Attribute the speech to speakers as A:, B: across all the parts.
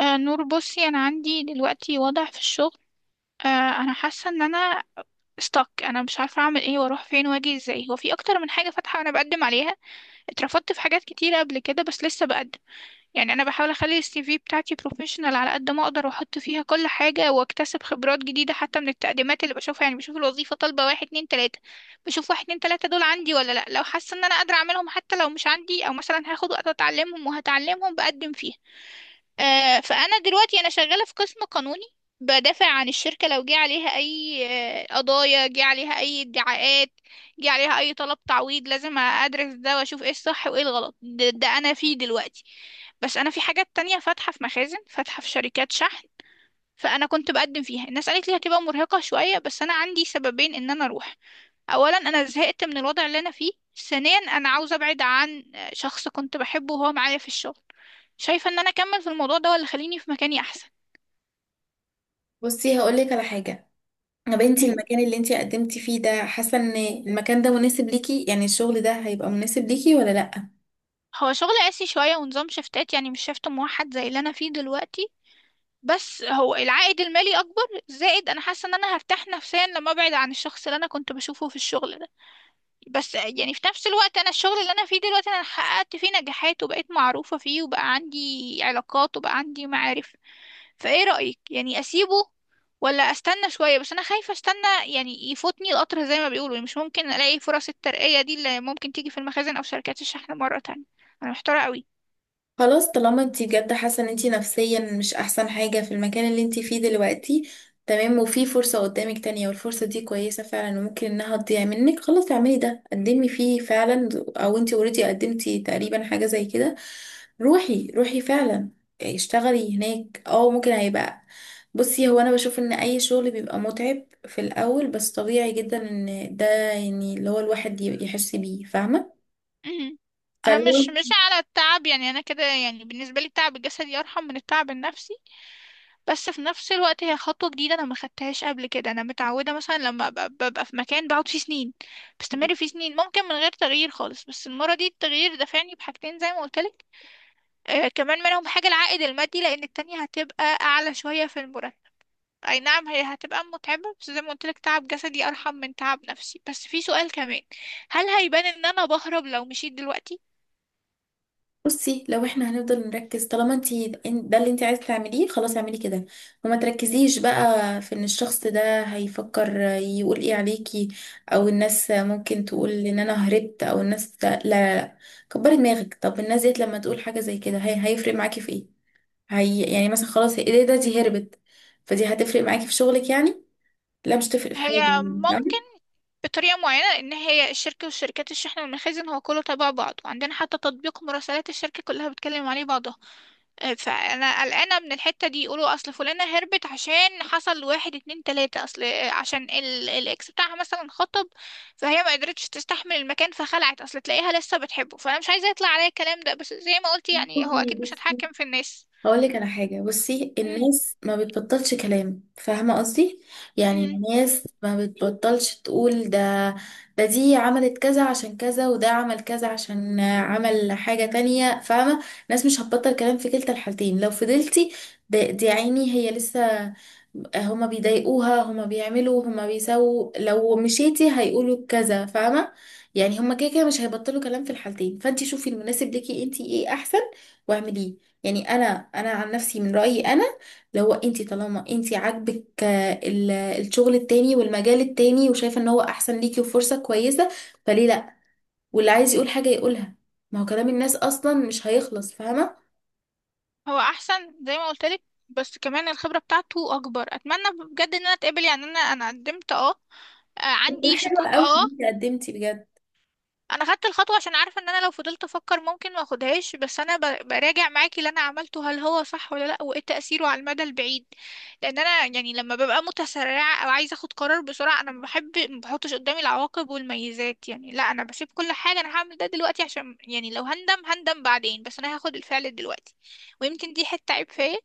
A: نور، بصي، انا عندي دلوقتي وضع في الشغل. آه انا حاسه ان انا stuck. انا مش عارفه اعمل ايه واروح فين واجي ازاي. هو في اكتر من حاجه فاتحه وانا بقدم عليها. اترفضت في حاجات كتيره قبل كده، بس لسه بقدم. يعني انا بحاول اخلي السي في بتاعتي بروفيشنال على قد ما اقدر، واحط فيها كل حاجه، واكتسب خبرات جديده حتى من التقديمات اللي بشوفها. يعني بشوف الوظيفه طالبه واحد اتنين تلاته، بشوف واحد اتنين تلاته دول عندي ولا لا. لو حاسه ان انا قادره اعملهم حتى لو مش عندي، او مثلا هاخد وقت اتعلمهم وهتعلمهم، بقدم فيها. فانا دلوقتي انا شغاله في قسم قانوني. بدافع عن الشركه لو جه عليها اي قضايا، جه عليها اي ادعاءات، جه عليها اي طلب تعويض. لازم ادرس ده واشوف ايه الصح وايه الغلط. ده انا فيه دلوقتي. بس انا في حاجات تانية فاتحه في مخازن، فاتحه في شركات شحن. فانا كنت بقدم فيها، الناس قالت لي هتبقى مرهقه شويه، بس انا عندي سببين ان انا اروح. اولا، انا زهقت من الوضع اللي انا فيه. ثانيا، انا عاوزه ابعد عن شخص كنت بحبه وهو معايا في الشغل. شايفه ان انا اكمل في الموضوع ده ولا خليني في مكاني احسن؟
B: بصي هقولك على حاجة. يا بنتي،
A: مم.
B: المكان اللي انتي قدمتي فيه ده حاسة ان المكان ده مناسب ليكي، يعني الشغل ده هيبقى مناسب ليكي ولا لأ؟
A: هو شغل قاسي شويه، ونظام شفتات، يعني مش شفت موحد زي اللي انا فيه دلوقتي. بس هو العائد المالي اكبر، زائد انا حاسه ان انا هرتاح نفسيا لما ابعد عن الشخص اللي انا كنت بشوفه في الشغل ده. بس يعني في نفس الوقت، انا الشغل اللي انا فيه دلوقتي انا حققت فيه نجاحات، وبقيت معروفه فيه، وبقى عندي علاقات، وبقى عندي معارف. فايه رأيك، يعني اسيبه ولا استنى شوية؟ بس انا خايفة استنى، يعني يفوتني القطر زي ما بيقولوا. يعني مش ممكن الاقي فرص الترقية دي اللي ممكن تيجي في المخازن او شركات الشحن مرة تانية. انا محتارة قوي.
B: خلاص، طالما انتي جد حاسه ان انتي نفسيا مش احسن حاجه في المكان اللي انتي فيه دلوقتي، تمام، وفي فرصه قدامك تانية والفرصه دي كويسه فعلا وممكن انها تضيع منك، خلاص اعملي ده، قدمي فيه فعلا. او انتي اوريدي قدمتي تقريبا حاجه زي كده. روحي فعلا. اشتغلي هناك. اه، ممكن هيبقى. بصي، هو انا بشوف ان اي شغل بيبقى متعب في الاول، بس طبيعي جدا ان ده، يعني اللي هو الواحد يحس بيه، فاهمه؟
A: مهم. انا
B: فلو،
A: مش على التعب، يعني انا كده، يعني بالنسبة لي التعب الجسدي ارحم من التعب النفسي. بس في نفس الوقت، هي خطوة جديدة انا ما خدتهاش قبل كده. انا متعودة مثلا لما ببقى في مكان بقعد فيه سنين، بستمر فيه سنين ممكن من غير تغيير خالص. بس المرة دي التغيير دفعني بحاجتين زي ما قلت. كمان منهم حاجة العائد المادي، لأن التانية هتبقى أعلى شوية في المرتب. أي نعم، هي هتبقى متعبة، بس زي ما قلتلك، تعب جسدي أرحم من تعب نفسي. بس في سؤال كمان: هل هيبان إن أنا بهرب لو مشيت دلوقتي؟
B: بصي، لو احنا هنفضل نركز، طالما انتي ده اللي انتي عايزة تعمليه، خلاص اعملي كده، وما تركزيش بقى في ان الشخص ده هيفكر يقول ايه عليكي، او الناس ممكن تقول ان انا هربت، او الناس، لا لا لا. كبري دماغك. طب الناس ديت لما تقول حاجة زي كده، هي هيفرق معاكي في ايه؟ هي يعني مثلا، خلاص ايه ده، دي هربت. فدي هتفرق معاكي في شغلك يعني؟ لا، مش تفرق في حاجة،
A: هي
B: يعني
A: ممكن
B: فاهمة؟
A: بطريقة معينة، لأن هي الشركة والشركات الشحن والمخازن هو كله تبع بعض، وعندنا حتى تطبيق مراسلات الشركة كلها بتكلم عليه بعضها. فانا قلقانه من الحته دي، يقولوا اصل فلانه هربت عشان حصل واحد اتنين تلاته، اصل عشان الاكس بتاعها مثلا خطب، فهي ما قدرتش تستحمل المكان فخلعت، اصل تلاقيها لسه بتحبه. فانا مش عايزه يطلع عليا الكلام ده، بس زي ما قلت يعني هو
B: والله
A: اكيد مش
B: بصي،
A: هتحكم في الناس.
B: هقول لك على حاجة. بصي،
A: مم.
B: الناس ما بتبطلش كلام، فاهمة قصدي؟ يعني
A: مم.
B: الناس ما بتبطلش تقول ده، ده دي عملت كذا عشان كذا، وده عمل كذا عشان عمل حاجة تانية، فاهمة؟ الناس مش هتبطل كلام في كلتا الحالتين. لو فضلتي، ده دي عيني هي لسه هما بيضايقوها، هما بيعملوا، هما بيسووا. لو مشيتي هيقولوا كذا، فاهمة؟ يعني هما كده كده مش هيبطلوا كلام في الحالتين، فانتي شوفي المناسب ليكي انتي ايه احسن، واعمليه. يعني انا عن نفسي، من رايي انا لو انت، طالما انت عاجبك الشغل التاني والمجال التاني، وشايفه ان هو احسن ليكي وفرصه كويسه، فليه لا؟ واللي عايز يقول حاجه يقولها، ما هو كلام الناس اصلا مش هيخلص، فاهمه؟
A: هو احسن زي ما قلت لك، بس كمان الخبره بتاعته اكبر. اتمنى بجد ان انا اتقبل. يعني انا قدمت
B: ده
A: عندي
B: حلو
A: شكوك
B: قوي ان
A: اه
B: انت قدمتي بجد.
A: انا خدت الخطوه عشان عارفه ان انا لو فضلت افكر ممكن ما اخدهاش. بس انا براجع معاكي اللي انا عملته، هل هو صح ولا لا، وايه تاثيره على المدى البعيد؟ لان انا يعني لما ببقى متسرعه او عايزه اخد قرار بسرعه، انا ما بحب ما بحطش قدامي العواقب والميزات. يعني لا، انا بسيب كل حاجه، انا هعمل ده دلوقتي عشان يعني لو هندم هندم بعدين، بس انا هاخد الفعل دلوقتي. ويمكن دي حته عيب فيا.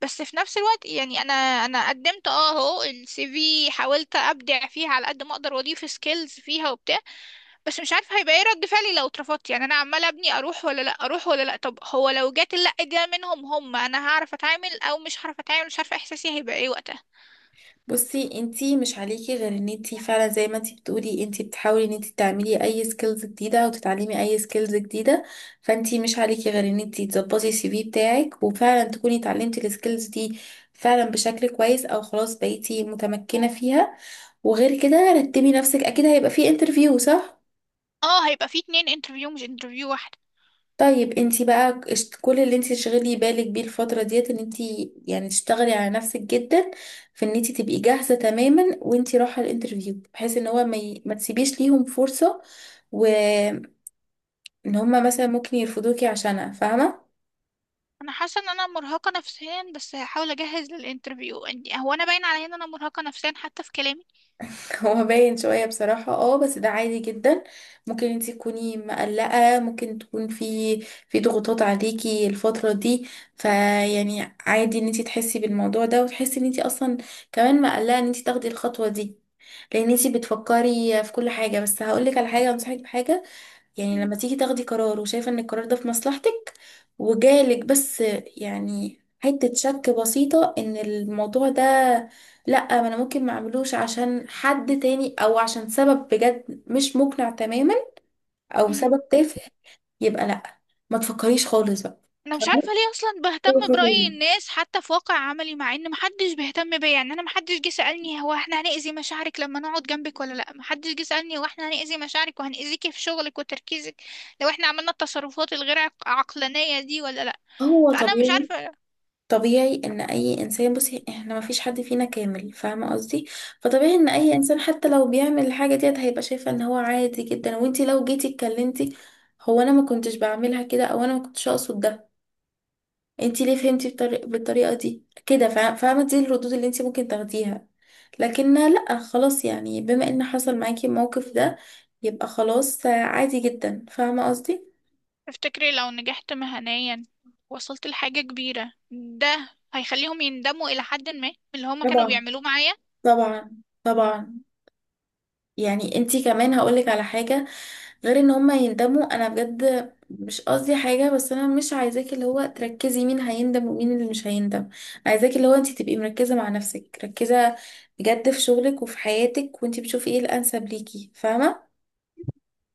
A: بس في نفس الوقت يعني انا قدمت اهو السي في، حاولت ابدع فيها على قد ما اقدر واضيف سكيلز فيها وبتاع. بس مش عارفه هيبقى ايه رد فعلي لو اترفضت. يعني انا عماله ابني اروح ولا لا، اروح ولا لا. طب هو لو جات اللا دي منهم هم، انا هعرف اتعامل او مش هعرف اتعامل؟ مش عارفه احساسي هيبقى ايه وقتها.
B: بصي، انتي مش عليكي غير ان انتي فعلا زي ما انتي بتقولي، انتي بتحاولي ان انتي تعملي اي سكيلز جديده او تتعلمي اي سكيلز جديده. فانتي مش عليكي غير ان انتي تظبطي السي في بتاعك، وفعلا تكوني اتعلمتي السكيلز دي فعلا بشكل كويس، او خلاص بقيتي متمكنه فيها. وغير كده، رتبي نفسك، اكيد هيبقى في انترفيو، صح؟
A: اه، هيبقى في 2 انترفيو، مش انترفيو واحده.
B: طيب انتي بقى كل اللي انتي تشغلي بالك بيه الفترة ديت، ان انتي يعني تشتغلي على نفسك جدا، في ان انتي تبقي جاهزة تماما وانتي رايحة الانترفيو، بحيث ان هو ما تسيبيش ليهم فرصة، وان هما مثلا ممكن يرفضوكي عشانها، فاهمة؟
A: انا حاسه ان انا مرهقه نفسيا، بس هحاول اجهز للانترفيو عندي. هو انا باين عليا ان انا مرهقه نفسيا حتى في كلامي؟
B: هو باين شوية بصراحة، اه، بس ده عادي جدا. ممكن انتي تكوني مقلقة، ممكن تكون في ضغوطات عليكي الفترة دي. فيعني عادي ان انتي تحسي بالموضوع ده، وتحسي ان انتي اصلا كمان مقلقة ان انتي تاخدي الخطوة دي، لان انتي بتفكري في كل حاجة. بس هقولك على حاجة، انصحك بحاجة. يعني لما تيجي تاخدي قرار وشايفة ان القرار ده في مصلحتك، وجالك بس يعني حتة شك بسيطة ان الموضوع ده، لأ ما انا ممكن ما اعملوش عشان حد تاني، او عشان سبب بجد مش مقنع تماما، او
A: مم.
B: سبب تافه، يبقى لأ، ما تفكريش خالص بقى،
A: انا مش
B: فاهمة؟
A: عارفه ليه اصلا بهتم برأي الناس حتى في واقع عملي، مع ان محدش بيهتم بيا. يعني انا محدش جه سألني هو احنا هنأذي مشاعرك لما نقعد جنبك ولا لا. محدش جه سألني هو احنا هنأذي مشاعرك وهنأذيكي في شغلك وتركيزك لو احنا عملنا التصرفات الغير عقلانية دي ولا لا.
B: هو
A: فانا مش
B: طبيعي،
A: عارفه.
B: طبيعي ان اي انسان، بصي، احنا ما فيش حد فينا كامل، فاهمه قصدي؟ فطبيعي ان اي
A: مم.
B: انسان حتى لو بيعمل الحاجه ديت هيبقى شايفه ان هو عادي جدا، وانتي لو جيتي اتكلمتي، هو انا ما كنتش بعملها كده، او انا ما كنتش اقصد ده، انتي ليه فهمتي بالطريقه دي كده، فاهمه؟ دي الردود اللي انتي ممكن تاخديها. لكن لا، خلاص يعني بما ان حصل معاكي الموقف ده، يبقى خلاص عادي جدا، فاهمه قصدي؟
A: تفتكري لو نجحت مهنيا وصلت لحاجة كبيرة، ده هيخليهم يندموا إلى حد ما من اللي هما كانوا
B: طبعا،
A: بيعملوه معايا؟
B: طبعا، طبعا. يعني انتي كمان هقولك على حاجه، غير ان هما يندموا، انا بجد مش قصدي حاجة، بس انا مش عايزاكي اللي هو تركزي مين هيندم ومين اللي مش هيندم. عايزاكي اللي هو انت تبقي مركزة مع نفسك، مركزة بجد في شغلك وفي حياتك، وانت بتشوفي ايه الانسب ليكي، فاهمة؟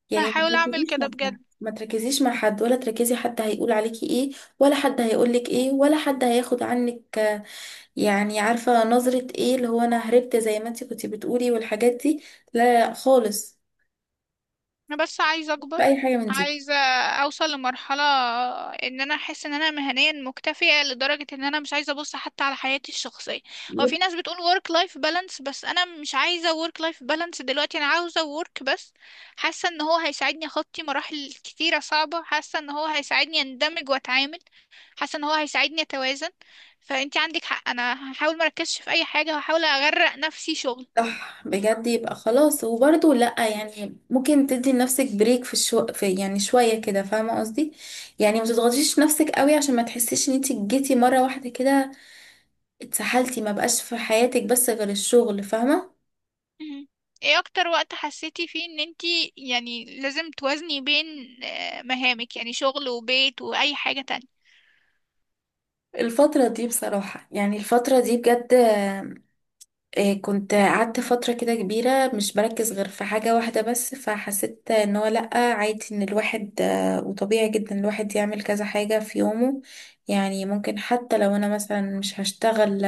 B: يعني ما
A: هحاول أعمل
B: تركزيش مع
A: كده
B: حد،
A: بجد.
B: ما تركزيش مع حد ولا تركزي حد هيقول عليكي ايه، ولا حد هيقولك ايه، ولا حد هياخد عنك يعني عارفة نظرة ايه اللي هو انا هربت زي ما انت كنت بتقولي والحاجات دي، لا خالص
A: انا بس عايزه اكبر،
B: بأي حاجة من دي.
A: عايزه اوصل لمرحله ان انا احس ان انا مهنيا مكتفيه لدرجه ان انا مش عايزه ابص حتى على حياتي الشخصيه. هو في ناس بتقول work life balance، بس انا مش عايزه work life balance دلوقتي، انا عاوزه work بس. حاسه ان هو هيساعدني اخطي مراحل كتيره صعبه، حاسه ان هو هيساعدني اندمج واتعامل، حاسه ان هو هيساعدني اتوازن. فانتي عندك حق، انا هحاول مركزش في اي حاجه وهحاول اغرق نفسي شغل.
B: صح بجد، يبقى خلاص. وبرضه لأ يعني ممكن تدي لنفسك بريك في الشو في، يعني شوية كده، فاهمة قصدي؟ يعني ما تضغطيش نفسك قوي، عشان ما تحسيش ان انتي جيتي مرة واحدة كده اتسحلتي، ما بقاش في حياتك بس غير الشغل، فاهمة؟
A: مهم. ايه اكتر وقت حسيتي فيه ان انتي يعني لازم توازني بين مهامك، يعني شغل وبيت واي حاجة تانية؟
B: الفترة دي بصراحة، يعني الفترة دي بجد، كنت قعدت فترة كده كبيرة مش بركز غير في حاجة واحدة بس، فحسيت ان هو لأ، عادي ان الواحد، وطبيعي جدا الواحد يعمل كذا حاجة في يومه. يعني ممكن حتى لو انا مثلا مش هشتغل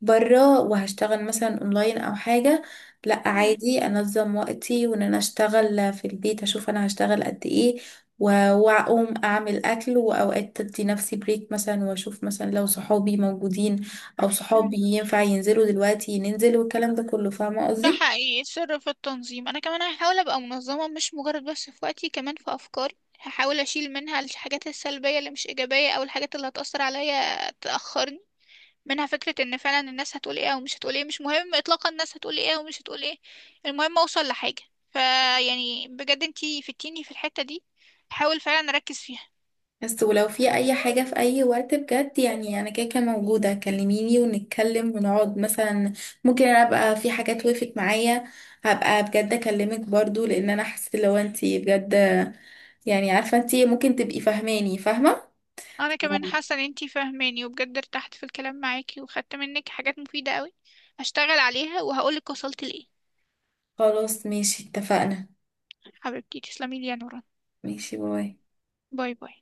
B: بره وهشتغل مثلا اونلاين او حاجة، لا
A: مهم.
B: عادي انظم وقتي وان انا اشتغل في البيت، اشوف انا هشتغل قد ايه، و- واقوم اعمل اكل، واوقات ادي نفسي بريك مثلا، واشوف مثلا لو صحابي موجودين او صحابي
A: مهم.
B: ينفع ينزلوا دلوقتي ننزل، والكلام ده كله، فاهمة
A: ده
B: قصدي؟
A: حقيقي السر في التنظيم. انا كمان هحاول ابقى منظمة، مش مجرد بس في وقتي، كمان في افكاري، هحاول اشيل منها الحاجات السلبية اللي مش ايجابية او الحاجات اللي هتأثر عليا تأخرني، منها فكرة ان فعلا الناس هتقول ايه او مش هتقول ايه. مش مهم اطلاقا الناس هتقول ايه او مش هتقول ايه. المهم اوصل لحاجة. فيعني بجد انتي فتيني في الحتة دي، حاول فعلا اركز فيها.
B: بس ولو في اي حاجة في اي وقت بجد، يعني انا كده كده موجودة، كلميني ونتكلم ونقعد مثلا. ممكن انا ابقى في حاجات وقفت معايا، هبقى بجد اكلمك برضو، لان انا حسيت لو انتي بجد، يعني عارفة انتي ممكن تبقي فاهماني، فاهمة؟
A: انا كمان حاسة ان انتي فاهماني، وبجد ارتحت في الكلام معاكي وخدت منك حاجات مفيدة قوي. هشتغل عليها وهقولك وصلت لايه.
B: خلاص ماشي، اتفقنا.
A: حبيبتي، تسلمي لي يا نوران.
B: ماشي، باي.
A: باي باي.